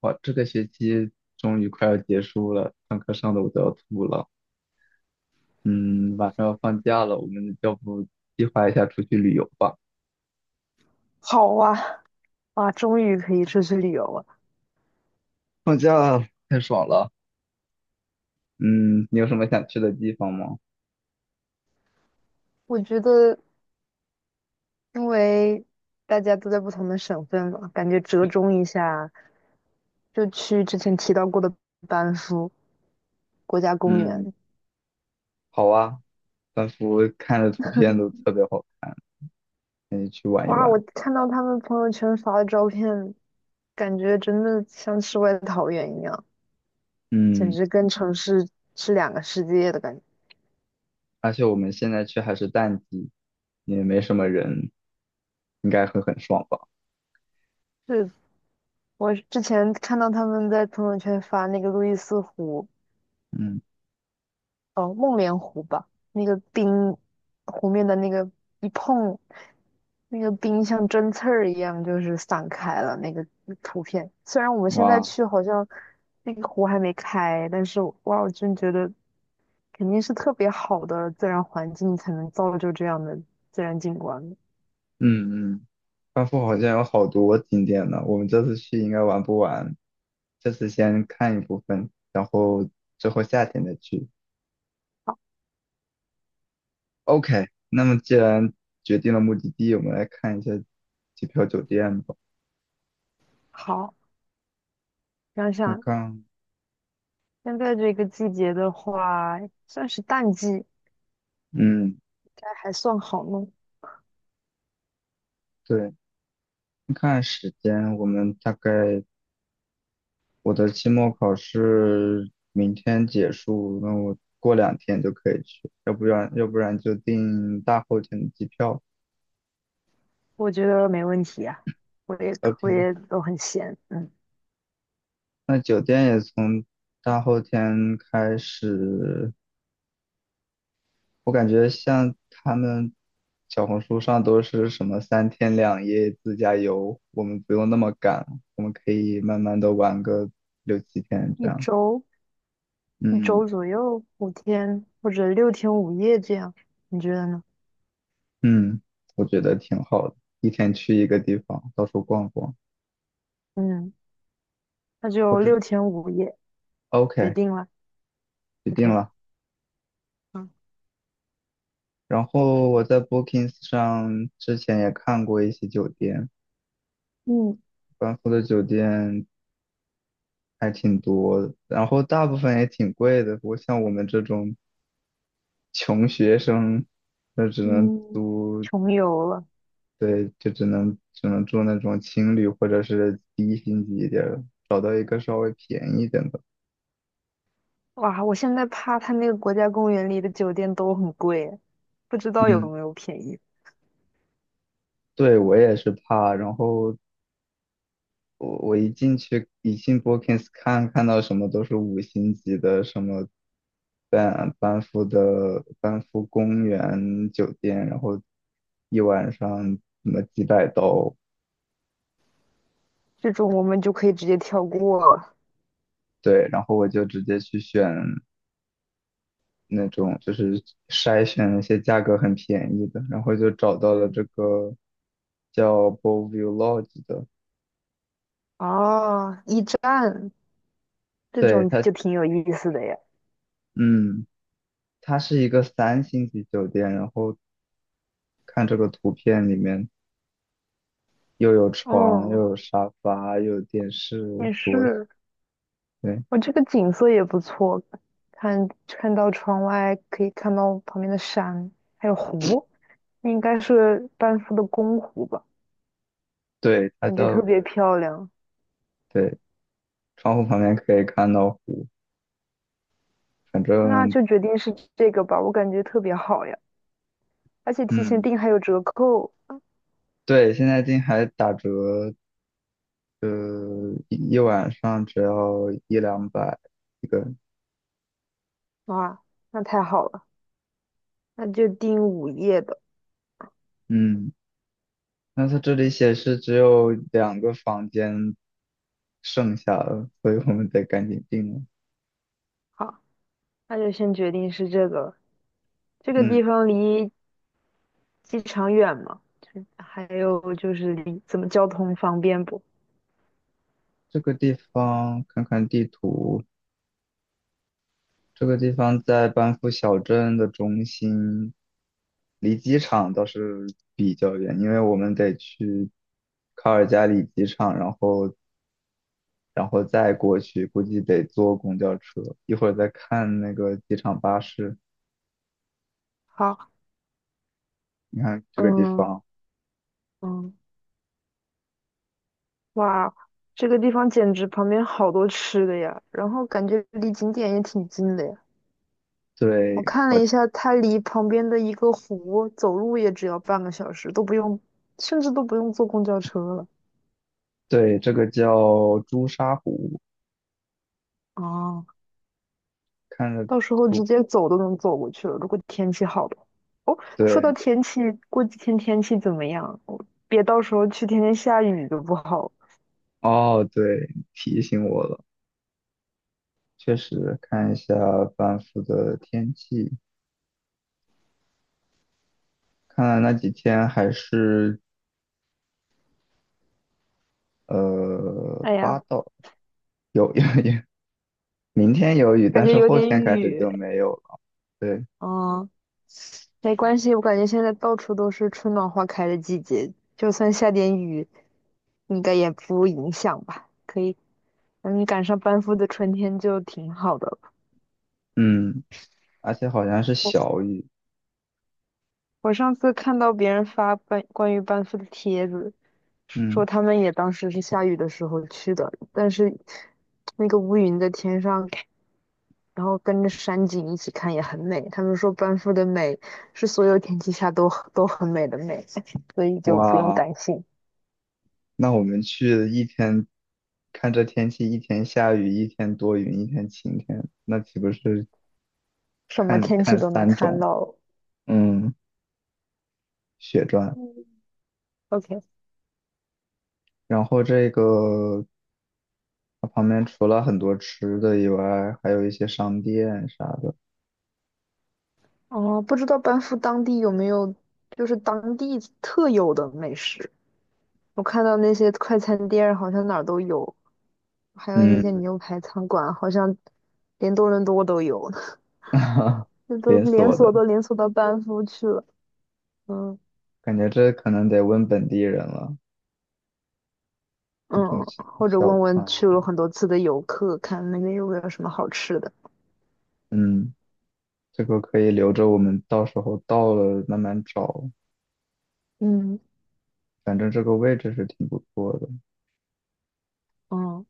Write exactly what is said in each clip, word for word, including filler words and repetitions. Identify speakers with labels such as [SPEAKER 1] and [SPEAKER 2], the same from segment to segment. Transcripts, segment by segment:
[SPEAKER 1] 哇，这个学期终于快要结束了，上课上的我都要吐了。嗯，马上要放假了，我们要不计划一下出去旅游吧？
[SPEAKER 2] 好啊，啊，终于可以出去旅游了。
[SPEAKER 1] 放假太爽了。嗯，你有什么想去的地方吗？
[SPEAKER 2] 我觉得，因为大家都在不同的省份嘛，感觉折中一下，就去之前提到过的班夫国家公
[SPEAKER 1] 嗯，
[SPEAKER 2] 园。
[SPEAKER 1] 好啊，仿佛看着图片都 特别好看，可以去玩一
[SPEAKER 2] 哇，我
[SPEAKER 1] 玩。
[SPEAKER 2] 看到他们朋友圈发的照片，感觉真的像世外桃源一样，简
[SPEAKER 1] 嗯，
[SPEAKER 2] 直跟城市是两个世界的感觉。
[SPEAKER 1] 而且我们现在去还是淡季，也没什么人，应该会很爽吧？
[SPEAKER 2] 是我之前看到他们在朋友圈发那个路易斯湖，
[SPEAKER 1] 嗯，
[SPEAKER 2] 哦，梦莲湖吧，那个冰湖面的那个一碰，那个冰像针刺儿一样，就是散开了那个图片。虽然我们现在
[SPEAKER 1] 哇，
[SPEAKER 2] 去好像那个湖还没开，但是哇，我真觉得肯定是特别好的自然环境才能造就这样的自然景观的
[SPEAKER 1] 嗯嗯。班夫好像有好多景点呢，我们这次去应该玩不完，这次先看一部分，然后之后夏天再去。OK，那么既然决定了目的地，我们来看一下机票、酒店吧。
[SPEAKER 2] 好，想
[SPEAKER 1] 我
[SPEAKER 2] 想
[SPEAKER 1] 看，
[SPEAKER 2] 现在这个季节的话，算是淡季，应
[SPEAKER 1] 嗯，
[SPEAKER 2] 该还算好弄，
[SPEAKER 1] 对，看时间，我们大概我的期末考试明天结束，那我过两天就可以去，要不然要不然就订大后天的机票。
[SPEAKER 2] 我觉得没问题啊。我也我
[SPEAKER 1] OK。
[SPEAKER 2] 也都很闲，嗯。
[SPEAKER 1] 那酒店也从大后天开始，我感觉像他们小红书上都是什么三天两夜自驾游，我们不用那么赶，我们可以慢慢的玩个六七天这
[SPEAKER 2] 一
[SPEAKER 1] 样。
[SPEAKER 2] 周
[SPEAKER 1] 嗯
[SPEAKER 2] 周左右五天或者六天五夜这样，你觉得呢？
[SPEAKER 1] 嗯，我觉得挺好的，一天去一个地方，到处逛逛。
[SPEAKER 2] 嗯，那
[SPEAKER 1] 我
[SPEAKER 2] 就
[SPEAKER 1] 这
[SPEAKER 2] 六天五夜决
[SPEAKER 1] OK
[SPEAKER 2] 定了。
[SPEAKER 1] 决定
[SPEAKER 2] OK，
[SPEAKER 1] 了。
[SPEAKER 2] 嗯
[SPEAKER 1] 然后我在 Bookings 上之前也看过一些酒店，
[SPEAKER 2] 嗯
[SPEAKER 1] 班夫的酒店还挺多的，然后大部分也挺贵的。不过像我们这种穷学生，那只能
[SPEAKER 2] 嗯，
[SPEAKER 1] 租，
[SPEAKER 2] 穷游了，
[SPEAKER 1] 对，就只能只能住那种青旅或者是低星级一点儿的，找到一个稍微便宜一点的。
[SPEAKER 2] 哇！我现在怕他那个国家公园里的酒店都很贵，不知道有
[SPEAKER 1] 嗯，
[SPEAKER 2] 没有便宜。
[SPEAKER 1] 对，我也是怕。然后我我一进去，一进 Bookings 看，看到什么都是五星级的，什么班班夫的班夫公园酒店，然后一晚上什么几百刀，
[SPEAKER 2] 这种我们就可以直接跳过了。
[SPEAKER 1] 对，然后我就直接去选那种，就是筛选那些价格很便宜的，然后就找到了
[SPEAKER 2] 嗯，
[SPEAKER 1] 这个叫 b o l l e v u e Lodge 的，
[SPEAKER 2] 哦，驿站这
[SPEAKER 1] 对
[SPEAKER 2] 种
[SPEAKER 1] 它，
[SPEAKER 2] 就挺有意思的呀。
[SPEAKER 1] 嗯，它是一个三星级酒店，然后看这个图片里面又有床，
[SPEAKER 2] 哦，
[SPEAKER 1] 又有沙发，又有电
[SPEAKER 2] 也
[SPEAKER 1] 视、桌子，
[SPEAKER 2] 是。
[SPEAKER 1] 对，
[SPEAKER 2] 我这个景色也不错，看看到窗外可以看到旁边的山，还有湖，那应该是班夫的公湖吧，
[SPEAKER 1] 对，它
[SPEAKER 2] 感觉特
[SPEAKER 1] 叫，
[SPEAKER 2] 别漂亮。
[SPEAKER 1] 对，窗户旁边可以看到湖，反
[SPEAKER 2] 那
[SPEAKER 1] 正，
[SPEAKER 2] 就决定是这个吧，我感觉特别好呀，而且提前
[SPEAKER 1] 嗯，
[SPEAKER 2] 订还有折扣，
[SPEAKER 1] 对，现在进还打折呃，一一晚上只要一两百一个人，
[SPEAKER 2] 哇，那太好了，那就订午夜的，
[SPEAKER 1] 嗯，那它这里显示只有两个房间剩下了，所以我们得赶紧定了。
[SPEAKER 2] 好，那就先决定是这个了，这个
[SPEAKER 1] 嗯，
[SPEAKER 2] 地方离机场远吗？就还有就是离怎么交通方便不？
[SPEAKER 1] 这个地方看看地图，这个地方在班夫小镇的中心，离机场倒是比较远，因为我们得去卡尔加里机场，然后然后再过去，估计得坐公交车。一会儿再看那个机场巴士。
[SPEAKER 2] 好，
[SPEAKER 1] 你看这个地
[SPEAKER 2] 嗯
[SPEAKER 1] 方，
[SPEAKER 2] 嗯。哇，这个地方简直旁边好多吃的呀，然后感觉离景点也挺近的呀。我
[SPEAKER 1] 对，
[SPEAKER 2] 看了
[SPEAKER 1] 我
[SPEAKER 2] 一下，它离旁边的一个湖走路也只要半个小时，都不用，甚至都不用坐公交车了。
[SPEAKER 1] 对这个叫朱砂湖，
[SPEAKER 2] 哦，
[SPEAKER 1] 看着
[SPEAKER 2] 到时候直
[SPEAKER 1] 不
[SPEAKER 2] 接走都能走过去了，如果天气好的话，哦，说到
[SPEAKER 1] 对，
[SPEAKER 2] 天气，过几天天气怎么样？我别到时候去天天下雨就不好，
[SPEAKER 1] 哦，对，提醒我了，确实看一下班夫的天气，看来那几天还是呃
[SPEAKER 2] 哎呀，
[SPEAKER 1] 八到有有有，明天有雨，
[SPEAKER 2] 感
[SPEAKER 1] 但
[SPEAKER 2] 觉
[SPEAKER 1] 是
[SPEAKER 2] 有
[SPEAKER 1] 后
[SPEAKER 2] 点
[SPEAKER 1] 天开始就
[SPEAKER 2] 雨。
[SPEAKER 1] 没有了，对，
[SPEAKER 2] 哦，没关系，我感觉现在到处都是春暖花开的季节，就算下点雨，应该也不影响吧？可以，嗯，赶上班夫的春天就挺好的了，
[SPEAKER 1] 嗯，而且好像是
[SPEAKER 2] 我
[SPEAKER 1] 小雨，
[SPEAKER 2] 我上次看到别人发班关于班夫的帖子，说
[SPEAKER 1] 嗯，
[SPEAKER 2] 他们也当时是下雨的时候去的，但是那个乌云在天上，然后跟着山景一起看也很美。他们说班夫的美是所有天气下都都很美的美，所以就不用
[SPEAKER 1] 哇。
[SPEAKER 2] 担心。
[SPEAKER 1] 那我们去一天，看这天气，一天下雨，一天多云，一天晴天，那岂不是
[SPEAKER 2] 什么
[SPEAKER 1] 看
[SPEAKER 2] 天气
[SPEAKER 1] 看
[SPEAKER 2] 都能
[SPEAKER 1] 三
[SPEAKER 2] 看
[SPEAKER 1] 种，
[SPEAKER 2] 到。
[SPEAKER 1] 嗯，血赚？
[SPEAKER 2] 嗯，OK，
[SPEAKER 1] 然后这个它旁边除了很多吃的以外，还有一些商店啥的，
[SPEAKER 2] 哦，不知道班夫当地有没有就是当地特有的美食？我看到那些快餐店儿好像哪儿都有，还有那些
[SPEAKER 1] 嗯，
[SPEAKER 2] 牛排餐馆，好像连多伦多都有，那都
[SPEAKER 1] 连
[SPEAKER 2] 连
[SPEAKER 1] 锁
[SPEAKER 2] 锁
[SPEAKER 1] 的，
[SPEAKER 2] 都连锁到班夫去了。嗯
[SPEAKER 1] 感觉这可能得问本地人了，
[SPEAKER 2] 嗯，
[SPEAKER 1] 那种
[SPEAKER 2] 或者
[SPEAKER 1] 小
[SPEAKER 2] 问问
[SPEAKER 1] 餐，
[SPEAKER 2] 去了很多次的游客，看那边有没有什么好吃的。
[SPEAKER 1] 嗯，这个可以留着我们到时候到了慢慢找，
[SPEAKER 2] 嗯
[SPEAKER 1] 反正这个位置是挺不错的。
[SPEAKER 2] 嗯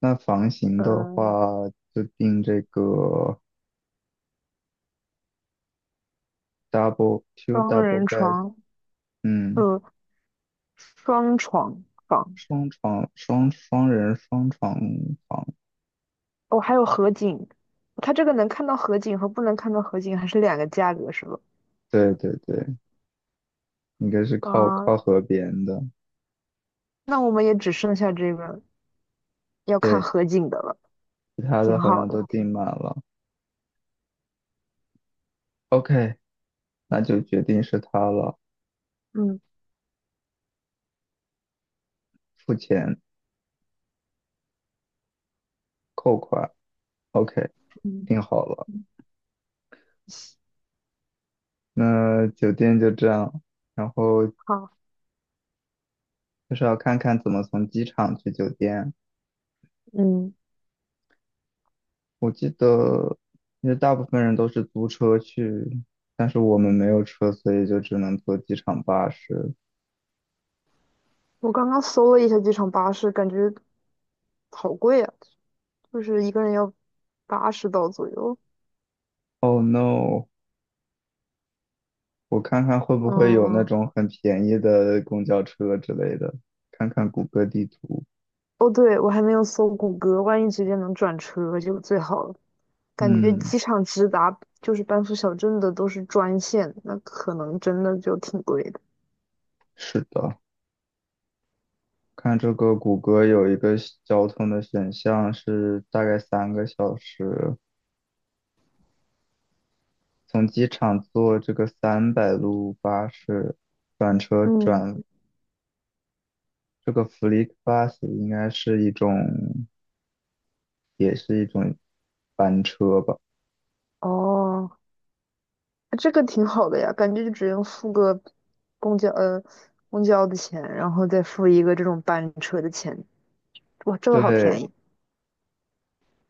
[SPEAKER 1] 那房型
[SPEAKER 2] 嗯，
[SPEAKER 1] 的话，
[SPEAKER 2] 呃
[SPEAKER 1] 就定这个 double two
[SPEAKER 2] 双
[SPEAKER 1] double
[SPEAKER 2] 人
[SPEAKER 1] bed，
[SPEAKER 2] 床，
[SPEAKER 1] 嗯，
[SPEAKER 2] 呃，双床房。
[SPEAKER 1] 双床双双人双床房，
[SPEAKER 2] 哦，还有河景，它这个能看到河景和不能看到河景还是两个价格是吧？
[SPEAKER 1] 对对对，应该是靠
[SPEAKER 2] 啊，
[SPEAKER 1] 靠河边的，
[SPEAKER 2] 那我们也只剩下这个要看
[SPEAKER 1] 对，
[SPEAKER 2] 河景的了，
[SPEAKER 1] 其他
[SPEAKER 2] 挺
[SPEAKER 1] 的好
[SPEAKER 2] 好
[SPEAKER 1] 像
[SPEAKER 2] 的，
[SPEAKER 1] 都
[SPEAKER 2] 挺
[SPEAKER 1] 订
[SPEAKER 2] 好。
[SPEAKER 1] 满了。OK，那就决定是他了，
[SPEAKER 2] 嗯
[SPEAKER 1] 付钱扣款。OK，
[SPEAKER 2] 嗯，
[SPEAKER 1] 定好了，
[SPEAKER 2] 嗯，
[SPEAKER 1] 那酒店就这样，然后
[SPEAKER 2] 好，
[SPEAKER 1] 就是要看看怎么从机场去酒店。
[SPEAKER 2] 嗯，
[SPEAKER 1] 我记得，因为大部分人都是租车去，但是我们没有车，所以就只能坐机场巴士。
[SPEAKER 2] 我刚刚搜了一下机场巴士，感觉好贵啊，就是一个人要八十刀左右。
[SPEAKER 1] 哦 no！我看看会不会有那
[SPEAKER 2] 嗯，
[SPEAKER 1] 种很便宜的公交车之类的，看看谷歌地图。
[SPEAKER 2] 哦，对，我还没有搜谷歌，万一直接能转车就最好了。感觉
[SPEAKER 1] 嗯，
[SPEAKER 2] 机场直达就是班夫小镇的都是专线，那可能真的就挺贵的。
[SPEAKER 1] 是的，看这个谷歌有一个选交通的选项是大概三个小时，从机场坐这个三百路巴士转车转
[SPEAKER 2] 嗯，
[SPEAKER 1] 这个 FlixBus 应该是一种。也是一种班车吧。
[SPEAKER 2] 哦，这个挺好的呀，感觉就只用付个公交呃公交的钱，然后再付一个这种班车的钱，哇，这个好便
[SPEAKER 1] 对，
[SPEAKER 2] 宜，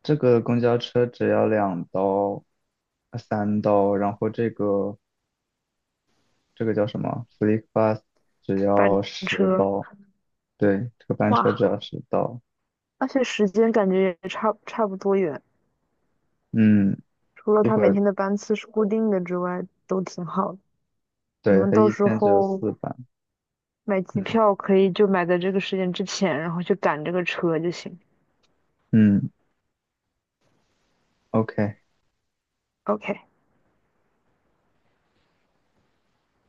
[SPEAKER 1] 这个公交车只要两刀、呃三刀，然后这个这个叫什么？FlixBus 只
[SPEAKER 2] 班
[SPEAKER 1] 要十
[SPEAKER 2] 车，
[SPEAKER 1] 刀。对，这个班车
[SPEAKER 2] 哇，
[SPEAKER 1] 只要十刀。
[SPEAKER 2] 而且时间感觉也差差不多远，
[SPEAKER 1] 嗯，
[SPEAKER 2] 除了
[SPEAKER 1] 一
[SPEAKER 2] 他
[SPEAKER 1] 会
[SPEAKER 2] 每
[SPEAKER 1] 儿，
[SPEAKER 2] 天的班次是固定的之外，都挺好的。你
[SPEAKER 1] 对，
[SPEAKER 2] 们
[SPEAKER 1] 它
[SPEAKER 2] 到
[SPEAKER 1] 一
[SPEAKER 2] 时
[SPEAKER 1] 天只有
[SPEAKER 2] 候
[SPEAKER 1] 四班。
[SPEAKER 2] 买机
[SPEAKER 1] 嗯
[SPEAKER 2] 票可以就买在这个时间之前，然后去赶这个车就行。
[SPEAKER 1] 嗯，OK。
[SPEAKER 2] OK